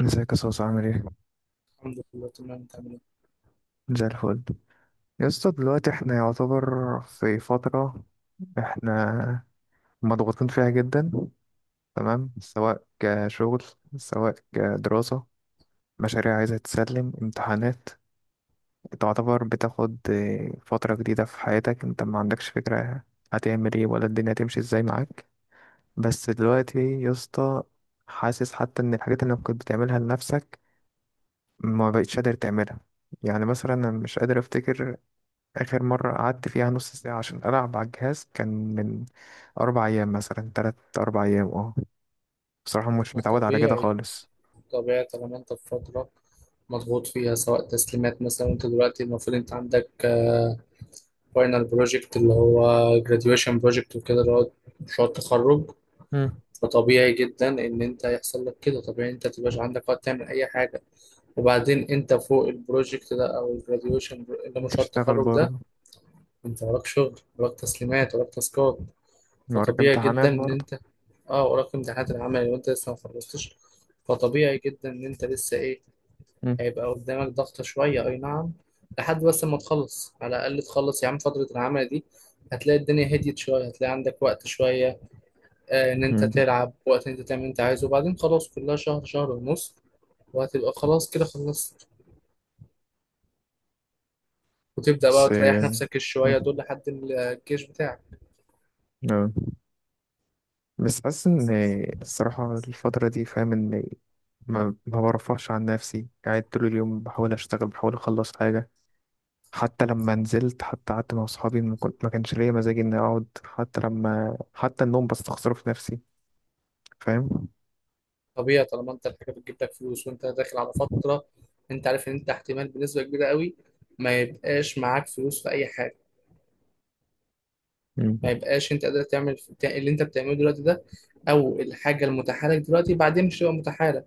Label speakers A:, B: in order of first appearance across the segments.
A: ازيك يا صوص؟ عامل ايه؟
B: الحمد لله، تمام تمام.
A: زي الفل. يا اسطى دلوقتي احنا يعتبر في فترة احنا مضغوطين فيها جدا، تمام؟ سواء كشغل، سواء كدراسة، مشاريع عايزة تسلم، امتحانات. تعتبر بتاخد فترة جديدة في حياتك، انت ما عندكش فكرة هتعمل ايه، ولا الدنيا هتمشي ازاي معاك. بس دلوقتي يا اسطى حاسس حتى ان الحاجات اللي كنت بتعملها لنفسك ما بقتش قادر تعملها. يعني مثلا انا مش قادر افتكر آخر مرة قعدت فيها نص ساعة عشان ألعب على الجهاز، كان من أربع أيام مثلا، تلات أربع أيام، اه. بصراحة مش
B: ما
A: متعود على كده
B: طبيعي،
A: خالص.
B: طبيعي طالما انت في فترة مضغوط فيها، سواء تسليمات مثلا. انت دلوقتي المفروض انت عندك فاينل بروجكت اللي هو graduation بروجكت وكده، اللي هو مشروع التخرج.
A: مم.
B: فطبيعي جدا ان انت يحصل لك كده، طبيعي انت متبقاش عندك وقت تعمل اي حاجة. وبعدين انت فوق البروجكت ده او الجراديويشن اللي هو مشروع
A: تشتغل
B: التخرج ده،
A: برضه.
B: انت وراك شغل، وراك تسليمات، وراك تاسكات.
A: وراك
B: فطبيعي جدا
A: امتحانات
B: ان
A: برضه.
B: انت اه وراك امتحانات العمل وانت لسه ما خلصتش. فطبيعي جدا ان انت لسه ايه،
A: مم.
B: هيبقى قدامك ضغطة شوية، اي نعم. لحد بس ما تخلص، على الاقل تخلص يا عم فترة العمل دي، هتلاقي الدنيا هديت شوية، هتلاقي عندك وقت شوية ان انت
A: مم.
B: تلعب، وقت ان انت تعمل اللي انت عايزه. وبعدين خلاص، كلها شهر شهر ونص وهتبقى خلاص كده خلصت، وتبدأ
A: بس
B: بقى تريح
A: آه،
B: نفسك
A: مم.
B: الشوية دول لحد الجيش بتاعك.
A: آه. بس حاسس إن الصراحة الفترة دي، فاهم؟ إن ما برفعش عن نفسي، قاعد طول اليوم بحاول أشتغل، بحاول أخلص حاجة. حتى لما نزلت، حتى قعدت مع أصحابي، ما كانش ليا مزاج إني أقعد. حتى لما، حتى النوم بستخسره في نفسي، فاهم؟
B: طبيعي طالما انت الحاجه بتجيب لك فلوس وانت داخل على فتره، انت عارف ان انت احتمال بنسبه كبيره قوي ما يبقاش معاك فلوس في اي حاجه،
A: مم.
B: ما يبقاش انت قادر تعمل اللي انت بتعمله دلوقتي ده، او الحاجه المتاحه لك دلوقتي بعدين مش هتبقى متاحه لك،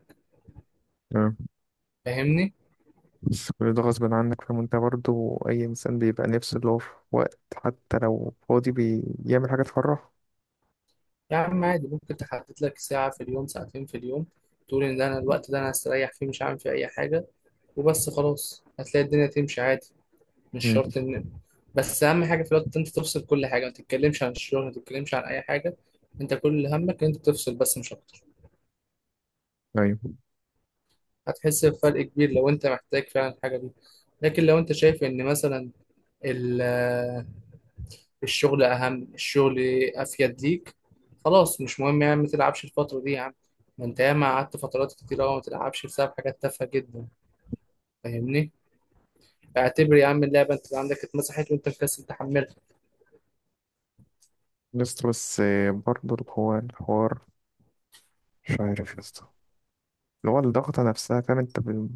A: تمام.
B: فاهمني؟
A: بس كل ده غصب عنك، فاهم؟ انت برضه اي انسان بيبقى نفسه اللي هو في وقت، حتى لو فاضي، بيعمل حاجه تفرحه.
B: يا عم عادي ممكن تحدد لك ساعه في اليوم، ساعتين في اليوم، تقول ان ده انا الوقت ده انا هستريح فيه، مش هعمل فيه اي حاجه وبس، خلاص هتلاقي الدنيا تمشي عادي. مش
A: مم.
B: شرط ان، بس اهم حاجه في الوقت انت تفصل كل حاجه، ما تتكلمش عن الشغل، ما تتكلمش عن اي حاجه، انت كل همك ان انت تفصل بس مش اكتر.
A: ايوه.
B: هتحس بفرق كبير لو انت محتاج فعلا الحاجه دي، لكن لو انت شايف ان مثلا ال- الشغل اهم، الشغل افيد ليك، خلاص مش مهم، يعني ما تلعبش الفتره دي يا عم. ما انت ياما قعدت فترات كتير قوي ما تلعبش بسبب حاجات تافهه جدا، فاهمني؟ اعتبر يا عم اللعبه انت عندك اتمسحت وانت مكسل تحملها.
A: بس برضه هو الحوار، مش عارف يا اسطى، اللي هو الضغطه نفسها، فاهم؟ انت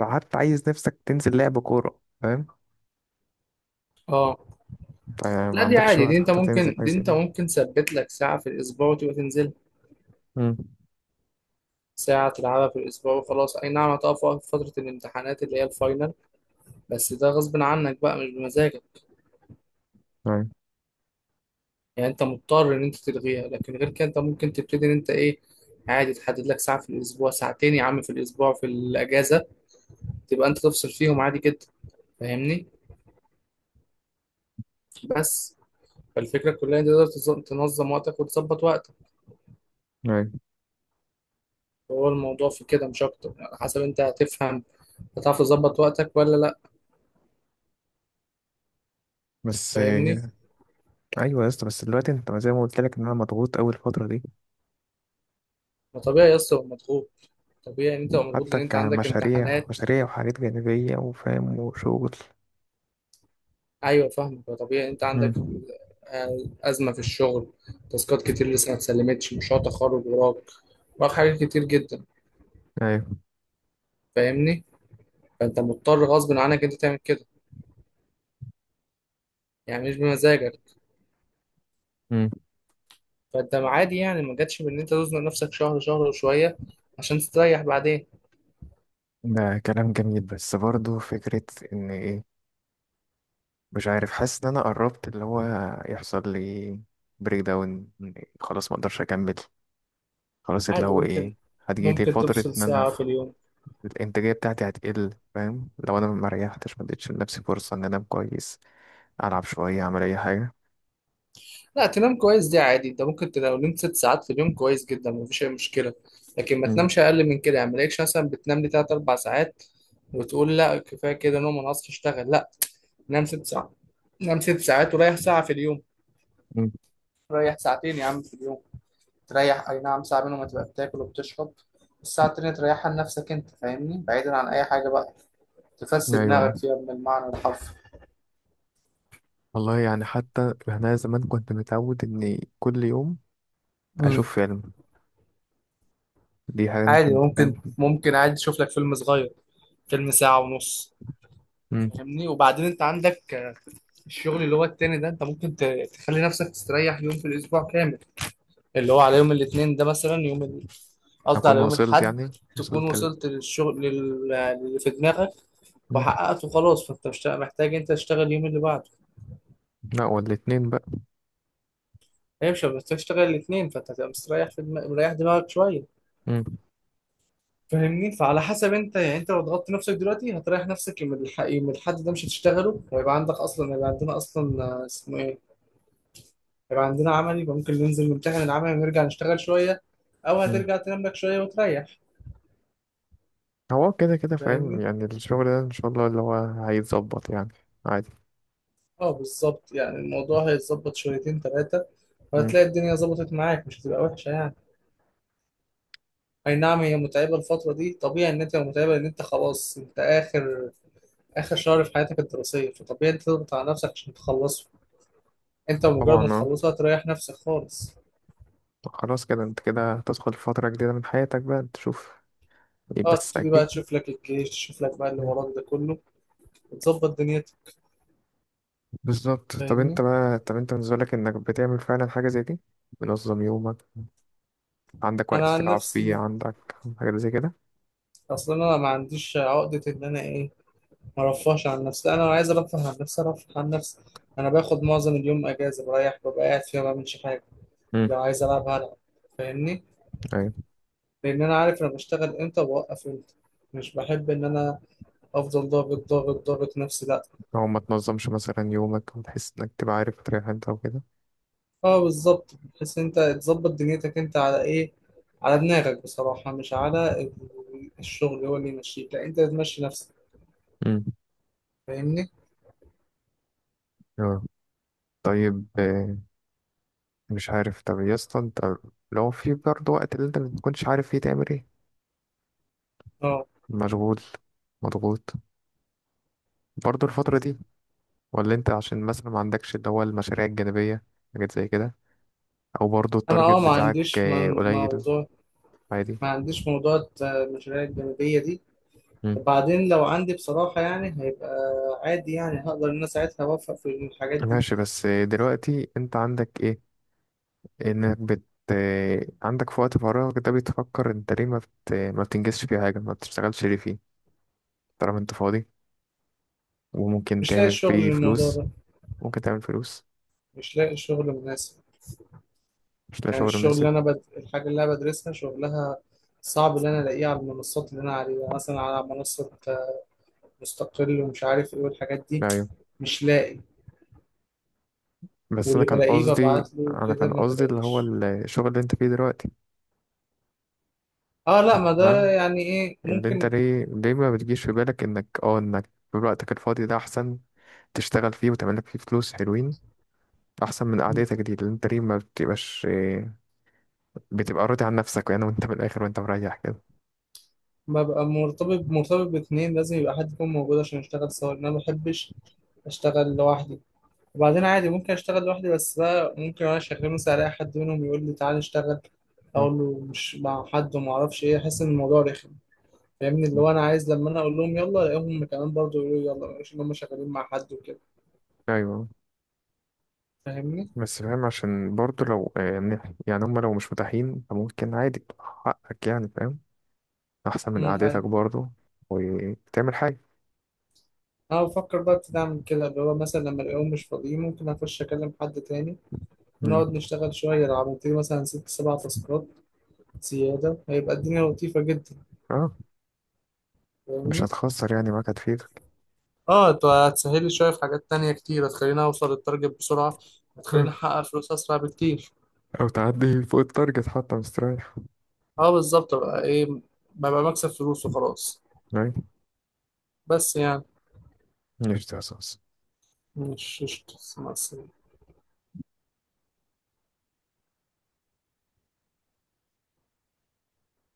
A: حتى عايز نفسك تنزل لعب كوره، فاهم؟
B: اه
A: انت ما
B: لا، دي
A: عندكش
B: عادي، دي
A: وقت
B: انت
A: حتى تنزل
B: ممكن،
A: حاجه
B: دي
A: زي
B: انت
A: كده.
B: ممكن تثبت لك ساعة في الأسبوع وتبقى تنزل
A: مم.
B: ساعة تلعبها في الأسبوع وخلاص. أي نعم هتقف وقت في فترة الامتحانات اللي هي الفاينل، بس ده غصب عنك بقى مش بمزاجك،
A: ايوه.
B: يعني انت مضطر ان انت تلغيها. لكن غير كده انت ممكن تبتدي ان انت ايه، عادي تحدد لك ساعة في الأسبوع، ساعتين يا عم في الأسبوع في الأجازة تبقى انت تفصل فيهم عادي جدا، فاهمني؟ بس فالفكرة كلها ان انت تقدر تنظم وقتك وتظبط وقتك.
A: ايوه.
B: هو الموضوع في كده مش أكتر، على حسب انت هتفهم، هتعرف تظبط وقتك ولا لا،
A: بس
B: فاهمني؟
A: آه، ايوه يا اسطى. بس دلوقتي انت زي ما قلت لك ان انا مضغوط اول الفتره دي.
B: ما طبيعي يا اسطى تبقى مضغوط، طبيعي ان انت تبقى مضغوط
A: حتى
B: لان انت عندك
A: كمشاريع،
B: امتحانات.
A: مشاريع وحاجات جانبية، وفاهم، وشغل.
B: ايوه فاهمك، طبيعي انت عندك
A: مم.
B: آه، ازمه في الشغل، تاسكات كتير لسه ما اتسلمتش، مشروع تخرج وراك، وراك حاجات كتير جدا،
A: ايوه.
B: فاهمني؟ فانت مضطر غصب عنك انت تعمل كده، يعني مش بمزاجك.
A: مم.
B: فانت عادي يعني، ما جاتش بان انت تزنق نفسك شهر شهر وشويه عشان تستريح بعدين.
A: ده كلام جميل، بس برضو فكرة ان ايه، مش عارف، حاسس ان انا قربت اللي هو يحصل لي بريك داون، خلاص ما اقدرش اكمل، خلاص اللي
B: عادي
A: هو ايه.
B: ممكن
A: هتجيلي
B: ممكن
A: فترة
B: تفصل
A: ان انا
B: ساعه في
A: خ-
B: اليوم.
A: الانتاجية بتاعتي هتقل، فاهم؟ لو انا ما ريحتش، ما اديتش لنفسي فرصة ان انا انام كويس، العب شوية، اعمل اي حاجة.
B: لا، تنام كويس دي عادي، انت ممكن لو نمت 6 ساعات في اليوم كويس جدا، مفيش اي مشكله. لكن ما
A: مم.
B: تنامش اقل من كده، يعني ما تلاقيش مثلا بتنام لي تلات اربع ساعات وتقول لا كفايه كده نوم انا هصحى اشتغل، لا، نام 6 ساعات، نام 6 ساعات وريح ساعه في اليوم.
A: مم.
B: ريح ساعتين يا عم في اليوم تريح، اي نعم ساعه منهم هتبقى بتاكل وبتشرب، الساعه التانيه تريحها لنفسك انت، فاهمني؟ بعيدا عن اي حاجه بقى تفسد
A: ايوه.
B: دماغك فيها من المعنى الحرفي.
A: والله يعني حتى انا زمان كنت متعود اني كل يوم
B: مم.
A: اشوف فيلم. دي حاجه انا
B: عادي
A: كنت
B: ممكن،
A: فاهم.
B: عادي تشوف لك فيلم صغير، فيلم ساعه ونص،
A: امم.
B: فاهمني؟ وبعدين انت عندك الشغل اللي هو التاني ده، انت ممكن تخلي نفسك تستريح يوم في الاسبوع كامل، اللي هو على يوم الاثنين ده مثلا، يوم قصدي
A: اكون
B: على يوم
A: وصلت
B: الاحد،
A: يعني
B: تكون
A: وصلت ال...
B: وصلت للشغل اللي في دماغك
A: مم.
B: وحققته خلاص، فانت مش محتاج انت تشتغل اليوم اللي بعده.
A: لا، والاتنين بقى.
B: هي مش محتاج تشتغل الاثنين، فانت هتبقى مستريح في مريح دماغك شويه،
A: مم.
B: فاهمني؟ فعلى حسب انت، يعني انت لو ضغطت نفسك دلوقتي هتريح نفسك يوم يوم الاحد ده مش هتشتغله، ويبقى عندك اصلا، هيبقى عندنا اصلا اسمه ايه، يبقى عندنا عملي، يبقى ممكن ننزل نمتحن العملي ونرجع نشتغل شوية، أو
A: مم.
B: هترجع تنام لك شوية وتريح،
A: هو كده كده، فاهم؟
B: فاهمني؟
A: يعني الشغل ده ان شاء الله اللي هو هيتظبط يعني، عادي.
B: اه بالظبط، يعني الموضوع هيتظبط شويتين تلاتة
A: مم.
B: وهتلاقي الدنيا ظبطت معاك، مش هتبقى وحشة يعني. أي نعم هي متعبة الفترة دي، طبيعي إن أنت تبقى متعبة لأن أنت خلاص، أنت آخر، آخر شهر في حياتك الدراسية، فطبيعي أنت تضغط على نفسك عشان تخلصه. أنت مجرد
A: طبعا
B: ما
A: اه.
B: تخلصه هتريح نفسك خالص.
A: خلاص كده، انت كده هتدخل في فتره جديده من حياتك بقى، تشوف إيه،
B: اه
A: بس
B: تبتدي بقى
A: اكيد.
B: تشوف لك الجيش، تشوف لك بقى اللي
A: مم.
B: وراك ده كله وتظبط دنيتك،
A: بالظبط. طب انت
B: فاهمني؟
A: بقى طب انت بالنسبه لك، انك بتعمل فعلا حاجه زي دي، منظم يومك، عندك وقت
B: أنا عن
A: تلعب فيه،
B: نفسي،
A: عندك حاجات زي كده.
B: اصل انا ما عنديش عقده ان انا ايه، ما ارفهش عن نفسي. لا، انا لو عايز ارفه عن نفسي ارفه عن نفسي، انا باخد معظم اليوم اجازه، بريح، ببقى قاعد فيها ما بعملش حاجه.
A: امم.
B: لو عايز العب هلعب، فاهمني،
A: أيوة.
B: لان انا عارف انا بشتغل امتى وبوقف امتى، مش بحب ان انا افضل ضاغط ضاغط ضاغط نفسي، لا.
A: لو ما تنظمش مثلا يومك وتحس إنك تبقى عارف تريح أنت وكده.
B: اه بالظبط، بحيث انت تظبط دنيتك انت على ايه، على دماغك بصراحه، مش على الشغل هو اللي يمشيك، لا انت تمشي نفسك،
A: امم.
B: فاهمني.
A: أيوة. طيب آه، مش عارف. طب يا اسطى، أنت لو في برضه وقت اللي أنت ما تكونش عارف فيه تعمل إيه،
B: اه
A: مشغول، مضغوط، برضه الفترة دي؟ ولا أنت عشان مثلا ما عندكش اللي هو المشاريع الجانبية، حاجات زي كده؟ أو برضه
B: انا
A: التارجت
B: ما
A: بتاعك
B: عنديش
A: آه،
B: من
A: قليل،
B: موضوع،
A: عادي؟
B: ما عنديش موضوع المشاريع الجانبية دي.
A: امم.
B: وبعدين لو عندي بصراحة يعني، هيبقى عادي، يعني هقدر إن أنا ساعتها أوفق في الحاجات دي.
A: ماشي. بس آه، دلوقتي انت عندك ايه، انك بت عندك في وقت فراغك ده بتفكر انت ليه ما بتنجزش فيه حاجة، ما بتشتغلش ليه فيه، طالما انت فاضي وممكن
B: مش لاقي
A: تعمل
B: شغل
A: فيه
B: للموضوع
A: فلوس،
B: ده،
A: ممكن تعمل فلوس.
B: مش لاقي شغل مناسب.
A: مش لاقي
B: يعني
A: شغل
B: الشغل اللي
A: مناسب؟
B: أنا الحاجة اللي أنا بدرسها شغلها صعب إن أنا ألاقيه على المنصات اللي أنا عليها، يعني مثلا على منصة مستقل ومش عارف إيه والحاجات دي،
A: ايوه
B: مش لاقي،
A: بس انا
B: واللي
A: كان
B: بلاقيه
A: قصدي،
B: ببعت له
A: انا
B: كده
A: كان
B: ما
A: قصدي اللي هو
B: بلاقيش.
A: الشغل اللي انت فيه دلوقتي.
B: اه لا، ما ده
A: فاهم؟
B: يعني ايه
A: اللي انت
B: ممكن.
A: ليه ما بتجيش في بالك انك اه انك في وقتك الفاضي ده احسن تشتغل فيه وتعمل لك فيه فلوس حلوين، احسن من قعدتك دي. اللي انت ليه ما بتبقاش إيه، بتبقى راضي عن نفسك يعني، وانت من الاخر وانت مريح كده.
B: ببقى مرتبط، مرتبط باتنين، لازم يبقى حد يكون موجود عشان نشتغل سوا لأن أنا ما بحبش أشتغل لوحدي. وبعدين عادي ممكن أشتغل لوحدي بس بقى، ممكن وأنا شغال مثلا ألاقي حد منهم يقول لي تعالى اشتغل، أقول له مش مع حد وما أعرفش إيه، أحس إن الموضوع رخم، فاهمني؟ اللي هو أنا عايز لما أنا أقول لهم يلا ألاقيهم كمان برضه يقولوا لي يلا، مش إن هم شغالين مع حد وكده،
A: ايوه.
B: فاهمني؟
A: بس فاهم، عشان برضه لو يعني، يعني هم لو مش متاحين، فممكن عادي حقك يعني، فاهم؟ احسن من قعدتك
B: أيوه،
A: برضه، وتعمل حاجه.
B: أنا بفكر بقى ابتدي أعمل كده، اللي هو مثلا لما ألاقيهم مش فاضيين ممكن أخش أكلم حد تاني
A: مم.
B: ونقعد نشتغل شوية. لو عملت لي مثلا 6-7 تاسكات زيادة هيبقى الدنيا لطيفة جدا،
A: اه. مش
B: فاهمني؟
A: هتخسر يعني، معاك هتفيدك.
B: اه انت هتسهل لي شوية في حاجات تانية كتير، هتخليني اوصل للتارجت بسرعة، هتخليني
A: آه.
B: احقق فلوس اسرع بكتير.
A: او تعدي فوق التارجت حتى، مستريح.
B: اه بالظبط بقى ايه، ببقى مكسب فلوس وخلاص.
A: ايوه.
B: بس يعني
A: مش ده اساس.
B: مش مش- مع السلامة.